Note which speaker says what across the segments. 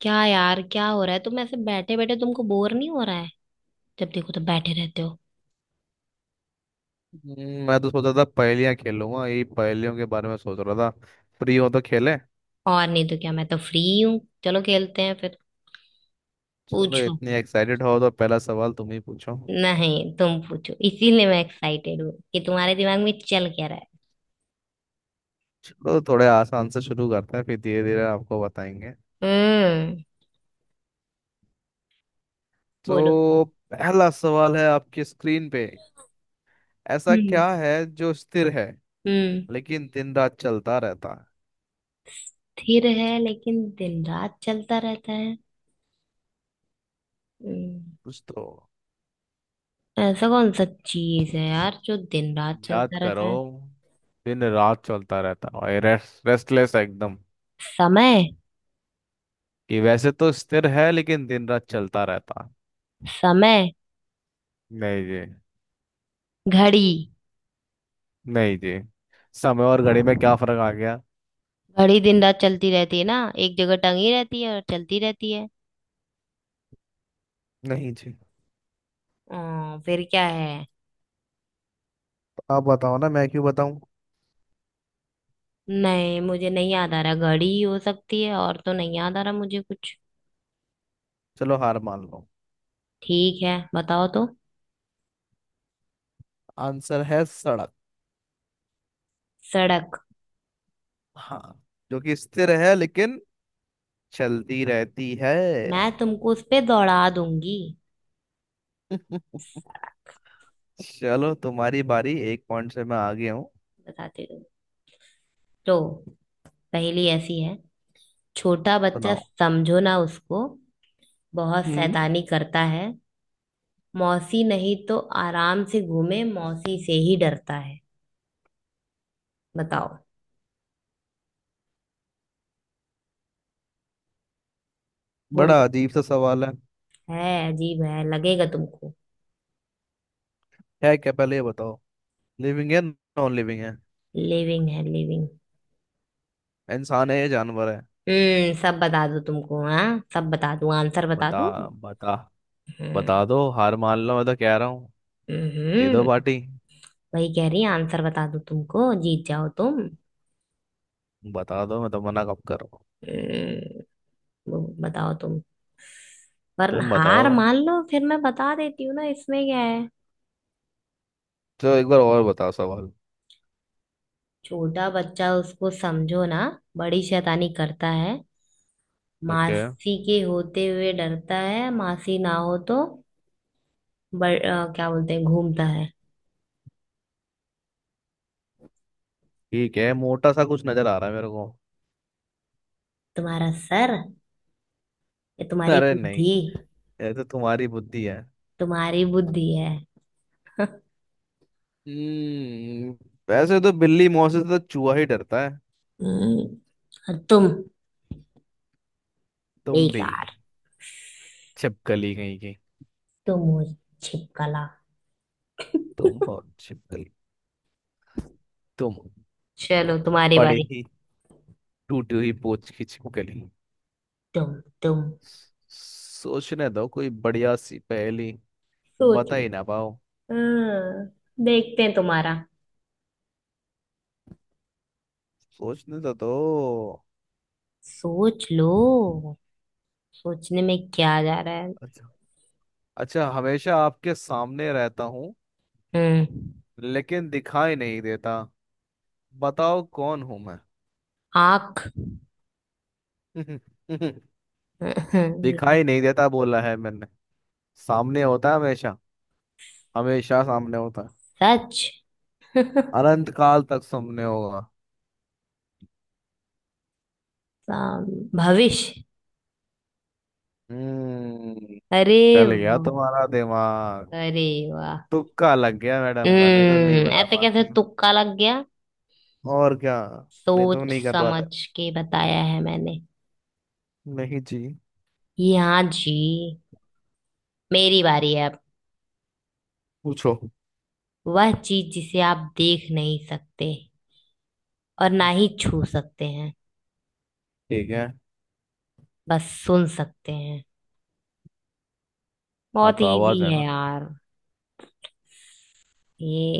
Speaker 1: क्या यार, क्या हो रहा है? तुम ऐसे बैठे बैठे तुमको बोर नहीं हो रहा है? जब देखो तो बैठे रहते हो।
Speaker 2: मैं तो सोच रहा था पहेलियां खेलूंगा। यही पहेलियों के बारे में सोच रहा था। फ्री हो तो खेले।
Speaker 1: और नहीं तो क्या, मैं तो फ्री हूँ। चलो खेलते हैं फिर।
Speaker 2: चलो
Speaker 1: पूछो।
Speaker 2: इतनी एक्साइटेड हो तो पहला सवाल तुम ही पूछो।
Speaker 1: नहीं, तुम पूछो। इसीलिए मैं एक्साइटेड हूँ कि तुम्हारे दिमाग में चल क्या रहा है।
Speaker 2: चलो थोड़े आसान से शुरू करते हैं फिर धीरे धीरे आपको बताएंगे।
Speaker 1: हम्म। बोलो।
Speaker 2: तो पहला सवाल है, आपकी स्क्रीन पे ऐसा
Speaker 1: हम्म।
Speaker 2: क्या है जो स्थिर है
Speaker 1: हम्म।
Speaker 2: लेकिन दिन रात चलता रहता है?
Speaker 1: स्थिर है लेकिन दिन रात चलता रहता है। हम्म,
Speaker 2: कुछ तो
Speaker 1: ऐसा कौन सा चीज है यार जो दिन रात
Speaker 2: याद
Speaker 1: चलता रहता
Speaker 2: करो।
Speaker 1: है?
Speaker 2: दिन रात चलता रहता और रेस्टलेस एकदम।
Speaker 1: समय।
Speaker 2: कि वैसे तो स्थिर है लेकिन दिन रात चलता रहता
Speaker 1: समय।
Speaker 2: है। नहीं जी।
Speaker 1: घड़ी।
Speaker 2: नहीं जी। समय और घड़ी में क्या फर्क आ गया?
Speaker 1: घड़ी दिन रात चलती रहती है ना, एक जगह टंगी रहती है और चलती रहती है।
Speaker 2: नहीं जी।
Speaker 1: फिर क्या है?
Speaker 2: आप बताओ ना, मैं क्यों बताऊं।
Speaker 1: नहीं, मुझे नहीं याद आ रहा। घड़ी ही हो सकती है, और तो नहीं याद आ रहा मुझे कुछ।
Speaker 2: चलो हार मान लो।
Speaker 1: ठीक है, बताओ तो।
Speaker 2: आंसर है सड़क।
Speaker 1: सड़क?
Speaker 2: हाँ। जो कि स्थिर है लेकिन चलती रहती है।
Speaker 1: मैं तुमको उस पे दौड़ा दूंगी। सड़क।
Speaker 2: चलो तुम्हारी बारी। एक पॉइंट से मैं आगे हूँ।
Speaker 1: बताती हूँ। तो पहेली ऐसी है। छोटा बच्चा
Speaker 2: सुनाओ।
Speaker 1: समझो ना उसको, बहुत
Speaker 2: हम्म।
Speaker 1: शैतानी करता है। मौसी नहीं तो आराम से घूमे, मौसी से ही डरता है। बताओ। बोलो।
Speaker 2: बड़ा अजीब सा सवाल है।
Speaker 1: है, अजीब है लगेगा तुमको।
Speaker 2: है क्या, पहले ये बताओ। लिविंग है नॉन लिविंग है?
Speaker 1: लिविंग है, लिविंग।
Speaker 2: इंसान है या जानवर है?
Speaker 1: सब बता दूं तुमको? हाँ, सब बता दूं, आंसर बता
Speaker 2: बता।
Speaker 1: दूं।
Speaker 2: बता।
Speaker 1: हम्म।
Speaker 2: बता दो हार मान लो, मैं तो कह रहा हूँ। दे दो
Speaker 1: हम्म,
Speaker 2: पार्टी।
Speaker 1: वही कह रही, आंसर बता दूं तुमको, जीत जाओ तुम।
Speaker 2: बता दो, मैं तो मना कब करूँ।
Speaker 1: हम्म, वो बताओ तुम। पर
Speaker 2: तुम
Speaker 1: हार
Speaker 2: बताओ।
Speaker 1: मान लो, फिर मैं बता देती हूँ ना इसमें क्या है।
Speaker 2: चलो एक बार और बताओ सवाल।
Speaker 1: छोटा बच्चा उसको समझो ना, बड़ी शैतानी करता है।
Speaker 2: ओके।
Speaker 1: मासी के होते हुए डरता है, मासी ना हो तो क्या बोलते हैं, घूमता है।
Speaker 2: ठीक है, मोटा सा कुछ नजर आ रहा है मेरे को।
Speaker 1: तुम्हारा सर। ये तुम्हारी
Speaker 2: अरे नहीं।
Speaker 1: बुद्धि।
Speaker 2: ये तो तुम्हारी बुद्धि है।
Speaker 1: तुम्हारी बुद्धि है।
Speaker 2: हम्म। वैसे तो बिल्ली मौत से तो चूहा ही डरता है।
Speaker 1: हम्म, और तुम?
Speaker 2: तुम भी।
Speaker 1: बेकार।
Speaker 2: छिपकली कहीं की।
Speaker 1: तुम हो छिपकला।
Speaker 2: तुम हो छिपकली। तुम हो।
Speaker 1: चलो तुम्हारी
Speaker 2: पड़े
Speaker 1: बारी।
Speaker 2: ही टूटी हुई पोच की छिपकली।
Speaker 1: तुम। तुम।
Speaker 2: सोचने दो कोई बढ़िया सी पहेली।
Speaker 1: सोच
Speaker 2: बता
Speaker 1: लो।
Speaker 2: ही ना पाओ।
Speaker 1: हाँ, देखते हैं तुम्हारा।
Speaker 2: सोचने तो दो।
Speaker 1: सोच लो। सोचने में क्या जा रहा है?
Speaker 2: अच्छा। अच्छा, हमेशा आपके सामने रहता हूँ
Speaker 1: हम्म।
Speaker 2: लेकिन दिखाई नहीं देता। बताओ कौन हूं मैं?
Speaker 1: आंख। हम्म।
Speaker 2: दिखाई नहीं देता बोला है मैंने। सामने होता है हमेशा। हमेशा सामने होता है।
Speaker 1: सच।
Speaker 2: अनंत काल तक सामने होगा।
Speaker 1: भविष्य।
Speaker 2: हम्म।
Speaker 1: अरे!
Speaker 2: चल गया
Speaker 1: वाह!
Speaker 2: तुम्हारा दिमाग।
Speaker 1: अरे! वाह!
Speaker 2: तुक्का लग गया मैडम का, नहीं तो नहीं बता
Speaker 1: ऐसे कैसे
Speaker 2: पाती हूँ।
Speaker 1: तुक्का लग गया?
Speaker 2: और क्या। नहीं तो
Speaker 1: सोच
Speaker 2: नहीं कर पाते।
Speaker 1: समझ के बताया है मैंने।
Speaker 2: नहीं जी।
Speaker 1: जी, हाँ जी। मेरी बारी है अब।
Speaker 2: पूछो।
Speaker 1: वह चीज जिसे आप देख नहीं सकते और ना ही छू सकते हैं,
Speaker 2: ठीक है।
Speaker 1: बस सुन सकते हैं।
Speaker 2: हाँ
Speaker 1: बहुत
Speaker 2: तो
Speaker 1: इजी
Speaker 2: आवाज है
Speaker 1: है
Speaker 2: ना।
Speaker 1: यार। ये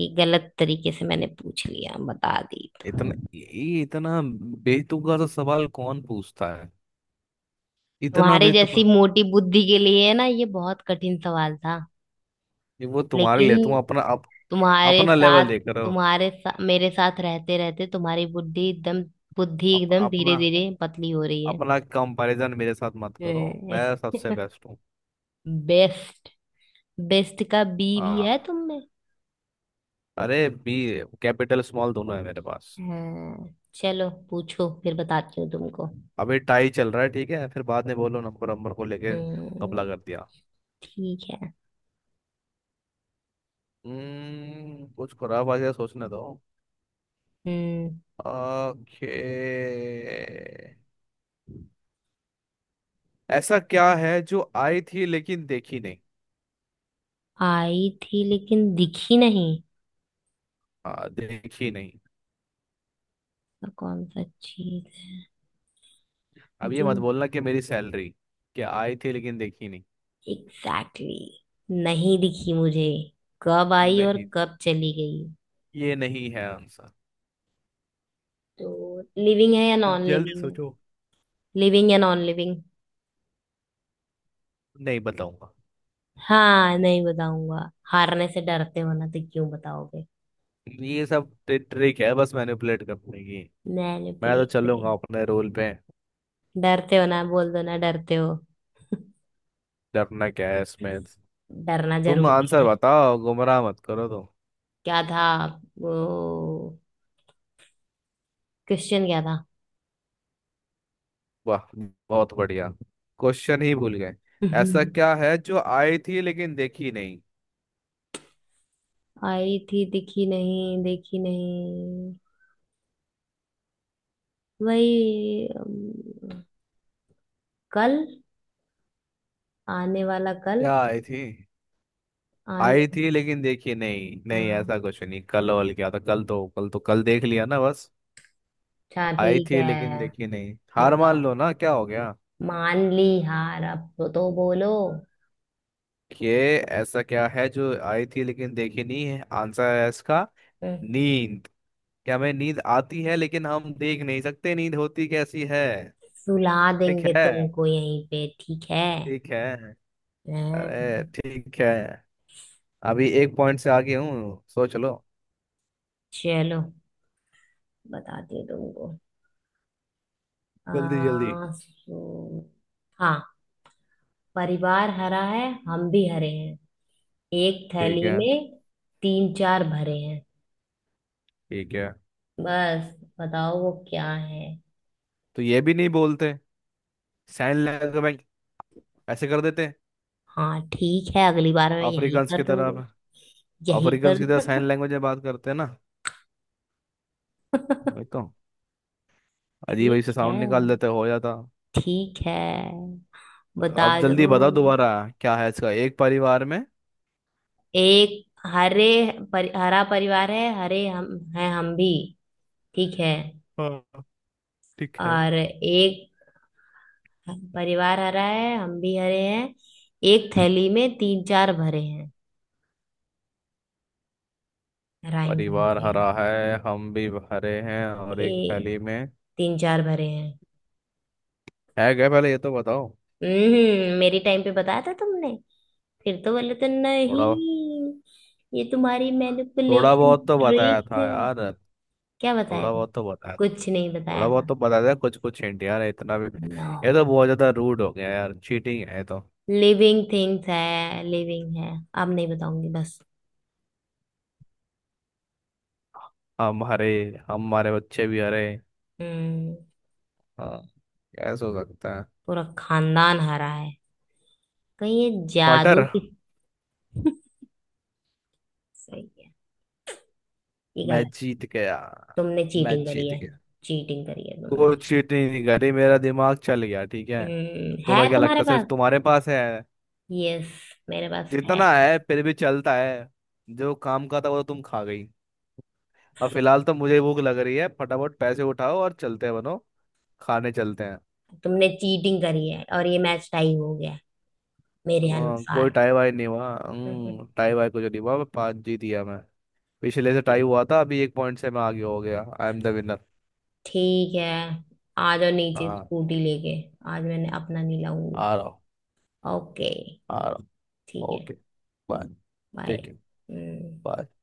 Speaker 1: ये गलत तरीके से मैंने पूछ लिया, बता दी तो।
Speaker 2: इतना, ये इतना बेतुका सा सवाल कौन पूछता है। इतना
Speaker 1: तुम्हारे
Speaker 2: बेतुका।
Speaker 1: जैसी मोटी बुद्धि के लिए ना ये बहुत कठिन सवाल था।
Speaker 2: ये वो तुम्हारे लिए, तुम
Speaker 1: लेकिन
Speaker 2: अपना
Speaker 1: तुम्हारे
Speaker 2: अपना लेवल
Speaker 1: साथ,
Speaker 2: देख रहे हो।
Speaker 1: मेरे साथ रहते रहते तुम्हारी बुद्धि एकदम,
Speaker 2: अप,
Speaker 1: धीरे
Speaker 2: अपना
Speaker 1: धीरे पतली हो रही है।
Speaker 2: अपना कंपैरिजन मेरे साथ मत करो, मैं सबसे बेस्ट हूँ।
Speaker 1: बेस्ट! बेस्ट का बी भी है
Speaker 2: हाँ।
Speaker 1: तुम में?
Speaker 2: अरे बी कैपिटल स्मॉल दोनों है मेरे पास।
Speaker 1: हाँ। चलो, पूछो फिर बताती हूँ तुमको।
Speaker 2: अभी टाई चल रहा है, ठीक है, फिर बाद में बोलो नंबर नंबर को लेके।
Speaker 1: हम्म।
Speaker 2: कबला कर दिया।
Speaker 1: ठीक है।
Speaker 2: कुछ खराब आ गया, सोचने दो।
Speaker 1: हम्म।
Speaker 2: ओके। ऐसा क्या है जो आई थी लेकिन देखी नहीं?
Speaker 1: आई थी लेकिन दिखी नहीं?
Speaker 2: हाँ देखी नहीं।
Speaker 1: तो कौन सा चीज है
Speaker 2: अब ये
Speaker 1: जो
Speaker 2: मत बोलना कि मेरी सैलरी। क्या आई थी लेकिन देखी नहीं?
Speaker 1: एग्जैक्टली exactly नहीं दिखी मुझे? कब आई और
Speaker 2: नहीं,
Speaker 1: कब चली गई?
Speaker 2: ये नहीं है आंसर।
Speaker 1: तो लिविंग है या नॉन
Speaker 2: जल्दी
Speaker 1: लिविंग है?
Speaker 2: सोचो।
Speaker 1: लिविंग या नॉन लिविंग?
Speaker 2: नहीं बताऊंगा।
Speaker 1: हाँ, नहीं बताऊंगा! हारने से डरते हो ना, तो क्यों बताओगे?
Speaker 2: ये सब ट्रिक है बस, मैनिपुलेट करने की। मैं तो
Speaker 1: मैनिपुलेट
Speaker 2: चलूंगा
Speaker 1: नहीं।
Speaker 2: अपने रूल पे।
Speaker 1: डरते हो ना? बोल दो ना, डरते हो।
Speaker 2: डरना क्या है इसमें?
Speaker 1: डरना
Speaker 2: तुम
Speaker 1: जरूरी
Speaker 2: आंसर
Speaker 1: है।
Speaker 2: बताओ, गुमराह मत करो तो।
Speaker 1: क्या था वो? क्वेश्चन क्या था?
Speaker 2: वाह, बहुत बढ़िया। क्वेश्चन ही भूल गए। ऐसा क्या है जो आई थी लेकिन देखी नहीं?
Speaker 1: आई थी, दिखी नहीं, देखी नहीं? वही कल, आने वाला कल।
Speaker 2: क्या आई थी?
Speaker 1: आने...
Speaker 2: आई थी लेकिन देखी नहीं। नहीं,
Speaker 1: हाँ,
Speaker 2: ऐसा कुछ नहीं। कल? और क्या था? कल तो कल देख लिया ना बस।
Speaker 1: अच्छा,
Speaker 2: आई
Speaker 1: ठीक
Speaker 2: थी
Speaker 1: है,
Speaker 2: लेकिन देखी नहीं, हार मान
Speaker 1: बताओ।
Speaker 2: लो ना, क्या हो गया।
Speaker 1: मान ली हार अब, तो बोलो।
Speaker 2: ये ऐसा क्या है जो आई थी लेकिन देखी नहीं, है आंसर है इसका।
Speaker 1: हम्म,
Speaker 2: नींद। क्या हमें नींद आती है लेकिन हम देख नहीं सकते, नींद होती कैसी है?
Speaker 1: सुला
Speaker 2: ठीक
Speaker 1: देंगे
Speaker 2: है।
Speaker 1: तुमको यहीं पे, ठीक है?
Speaker 2: ठीक है।
Speaker 1: हाँ,
Speaker 2: अरे ठीक है। अभी एक पॉइंट से आगे हूँ, सोच लो।
Speaker 1: चलो, बताती हूँ तुमको। आ,
Speaker 2: जल्दी जल्दी।
Speaker 1: सो, हाँ। परिवार हरा है, हम भी हरे हैं, एक
Speaker 2: ठीक
Speaker 1: थैली
Speaker 2: है।
Speaker 1: में तीन चार भरे हैं।
Speaker 2: ठीक है।
Speaker 1: बस, बताओ वो क्या है।
Speaker 2: तो ये भी नहीं बोलते, साइन लैंग्वेज ऐसे कर देते।
Speaker 1: हाँ ठीक है, अगली बार मैं यही
Speaker 2: अफ्रीकन
Speaker 1: कर
Speaker 2: की
Speaker 1: दूंगी,
Speaker 2: तरह।
Speaker 1: यही
Speaker 2: अफ्रीकन
Speaker 1: कर...
Speaker 2: की तरह साइन लैंग्वेज में बात करते हैं ना। वही तो। अजीब अजीब से
Speaker 1: ठीक है।
Speaker 2: साउंड निकाल देते हो जाता।
Speaker 1: ठीक है, बता
Speaker 2: अब
Speaker 1: दो।
Speaker 2: जल्दी बता दोबारा। क्या है इसका एक परिवार में?
Speaker 1: एक हरे, हरा परिवार है, हरे हम हैं, हम भी, ठीक है,
Speaker 2: हाँ ठीक है।
Speaker 1: और एक... हाँ, परिवार हरा है, हम भी हरे हैं, एक थैली में तीन चार भरे हैं। राइम बननी
Speaker 2: परिवार
Speaker 1: चाहिए।
Speaker 2: हरा है, हम भी हरे हैं, और एक
Speaker 1: ए,
Speaker 2: थैली में।
Speaker 1: तीन चार भरे हैं।
Speaker 2: है क्या पहले ये तो बताओ?
Speaker 1: मेरी टाइम पे बताया था तुमने? फिर तो बोले तो
Speaker 2: थोड़ा।
Speaker 1: नहीं। ये तुम्हारी
Speaker 2: थोड़ा
Speaker 1: मैनिपुलेशन
Speaker 2: बहुत तो बताया
Speaker 1: ट्रिक
Speaker 2: था
Speaker 1: है।
Speaker 2: यार।
Speaker 1: क्या बताया
Speaker 2: थोड़ा
Speaker 1: था?
Speaker 2: बहुत तो बताया।
Speaker 1: कुछ नहीं
Speaker 2: थोड़ा
Speaker 1: बताया
Speaker 2: बहुत
Speaker 1: था।
Speaker 2: तो बताया था, कुछ कुछ हिंट यार, इतना भी।
Speaker 1: नो।
Speaker 2: ये तो बहुत ज्यादा रूड हो गया यार, चीटिंग है ये तो।
Speaker 1: लिविंग थिंग्स है, लिविंग है। अब नहीं बताऊंगी बस।
Speaker 2: हम हरे। हम हमारे बच्चे भी हरे।
Speaker 1: हम्म
Speaker 2: हाँ। कैसे हो सकता है?
Speaker 1: पूरा खानदान हरा है, कहीं ये
Speaker 2: मटर।
Speaker 1: जादू की... सही है? ये
Speaker 2: मैं
Speaker 1: गलत।
Speaker 2: जीत गया।
Speaker 1: तुमने
Speaker 2: मैं
Speaker 1: चीटिंग करी
Speaker 2: जीत
Speaker 1: है।
Speaker 2: गया।
Speaker 1: चीटिंग करी है तुमने।
Speaker 2: कोई चीट नहीं करी, मेरा दिमाग चल गया ठीक है।
Speaker 1: है?
Speaker 2: तुम्हें
Speaker 1: बताओ
Speaker 2: क्या
Speaker 1: तुम्हारे
Speaker 2: लगता है
Speaker 1: पास।
Speaker 2: सिर्फ तुम्हारे पास है?
Speaker 1: यस, मेरे पास है।
Speaker 2: जितना है फिर भी चलता है। जो काम का था वो तो तुम खा गई। अब फिलहाल तो मुझे भूख लग रही है, फटाफट पैसे उठाओ और चलते हैं बनो। खाने चलते हैं।
Speaker 1: तुमने चीटिंग करी है और ये मैच टाई हो गया है, मेरे
Speaker 2: कोई
Speaker 1: अनुसार।
Speaker 2: टाई वाई नहीं हुआ,
Speaker 1: हम्म,
Speaker 2: टाई वाई कुछ नहीं हुआ, मैं पाँच जीत गया मैं। पिछले से टाई
Speaker 1: ठीक।
Speaker 2: हुआ था, अभी एक पॉइंट से मैं आगे हो गया, आई एम द विनर।
Speaker 1: ठीक है। आ जाओ नीचे
Speaker 2: हाँ।
Speaker 1: स्कूटी लेके। आज मैंने अपना नहीं लाऊंगी।
Speaker 2: आ रहा हूँ।
Speaker 1: ओके।
Speaker 2: आ रहा हूँ।
Speaker 1: ठीक है।
Speaker 2: ओके। बाय।
Speaker 1: बाय।
Speaker 2: ठीक है।
Speaker 1: हम्म।
Speaker 2: bye।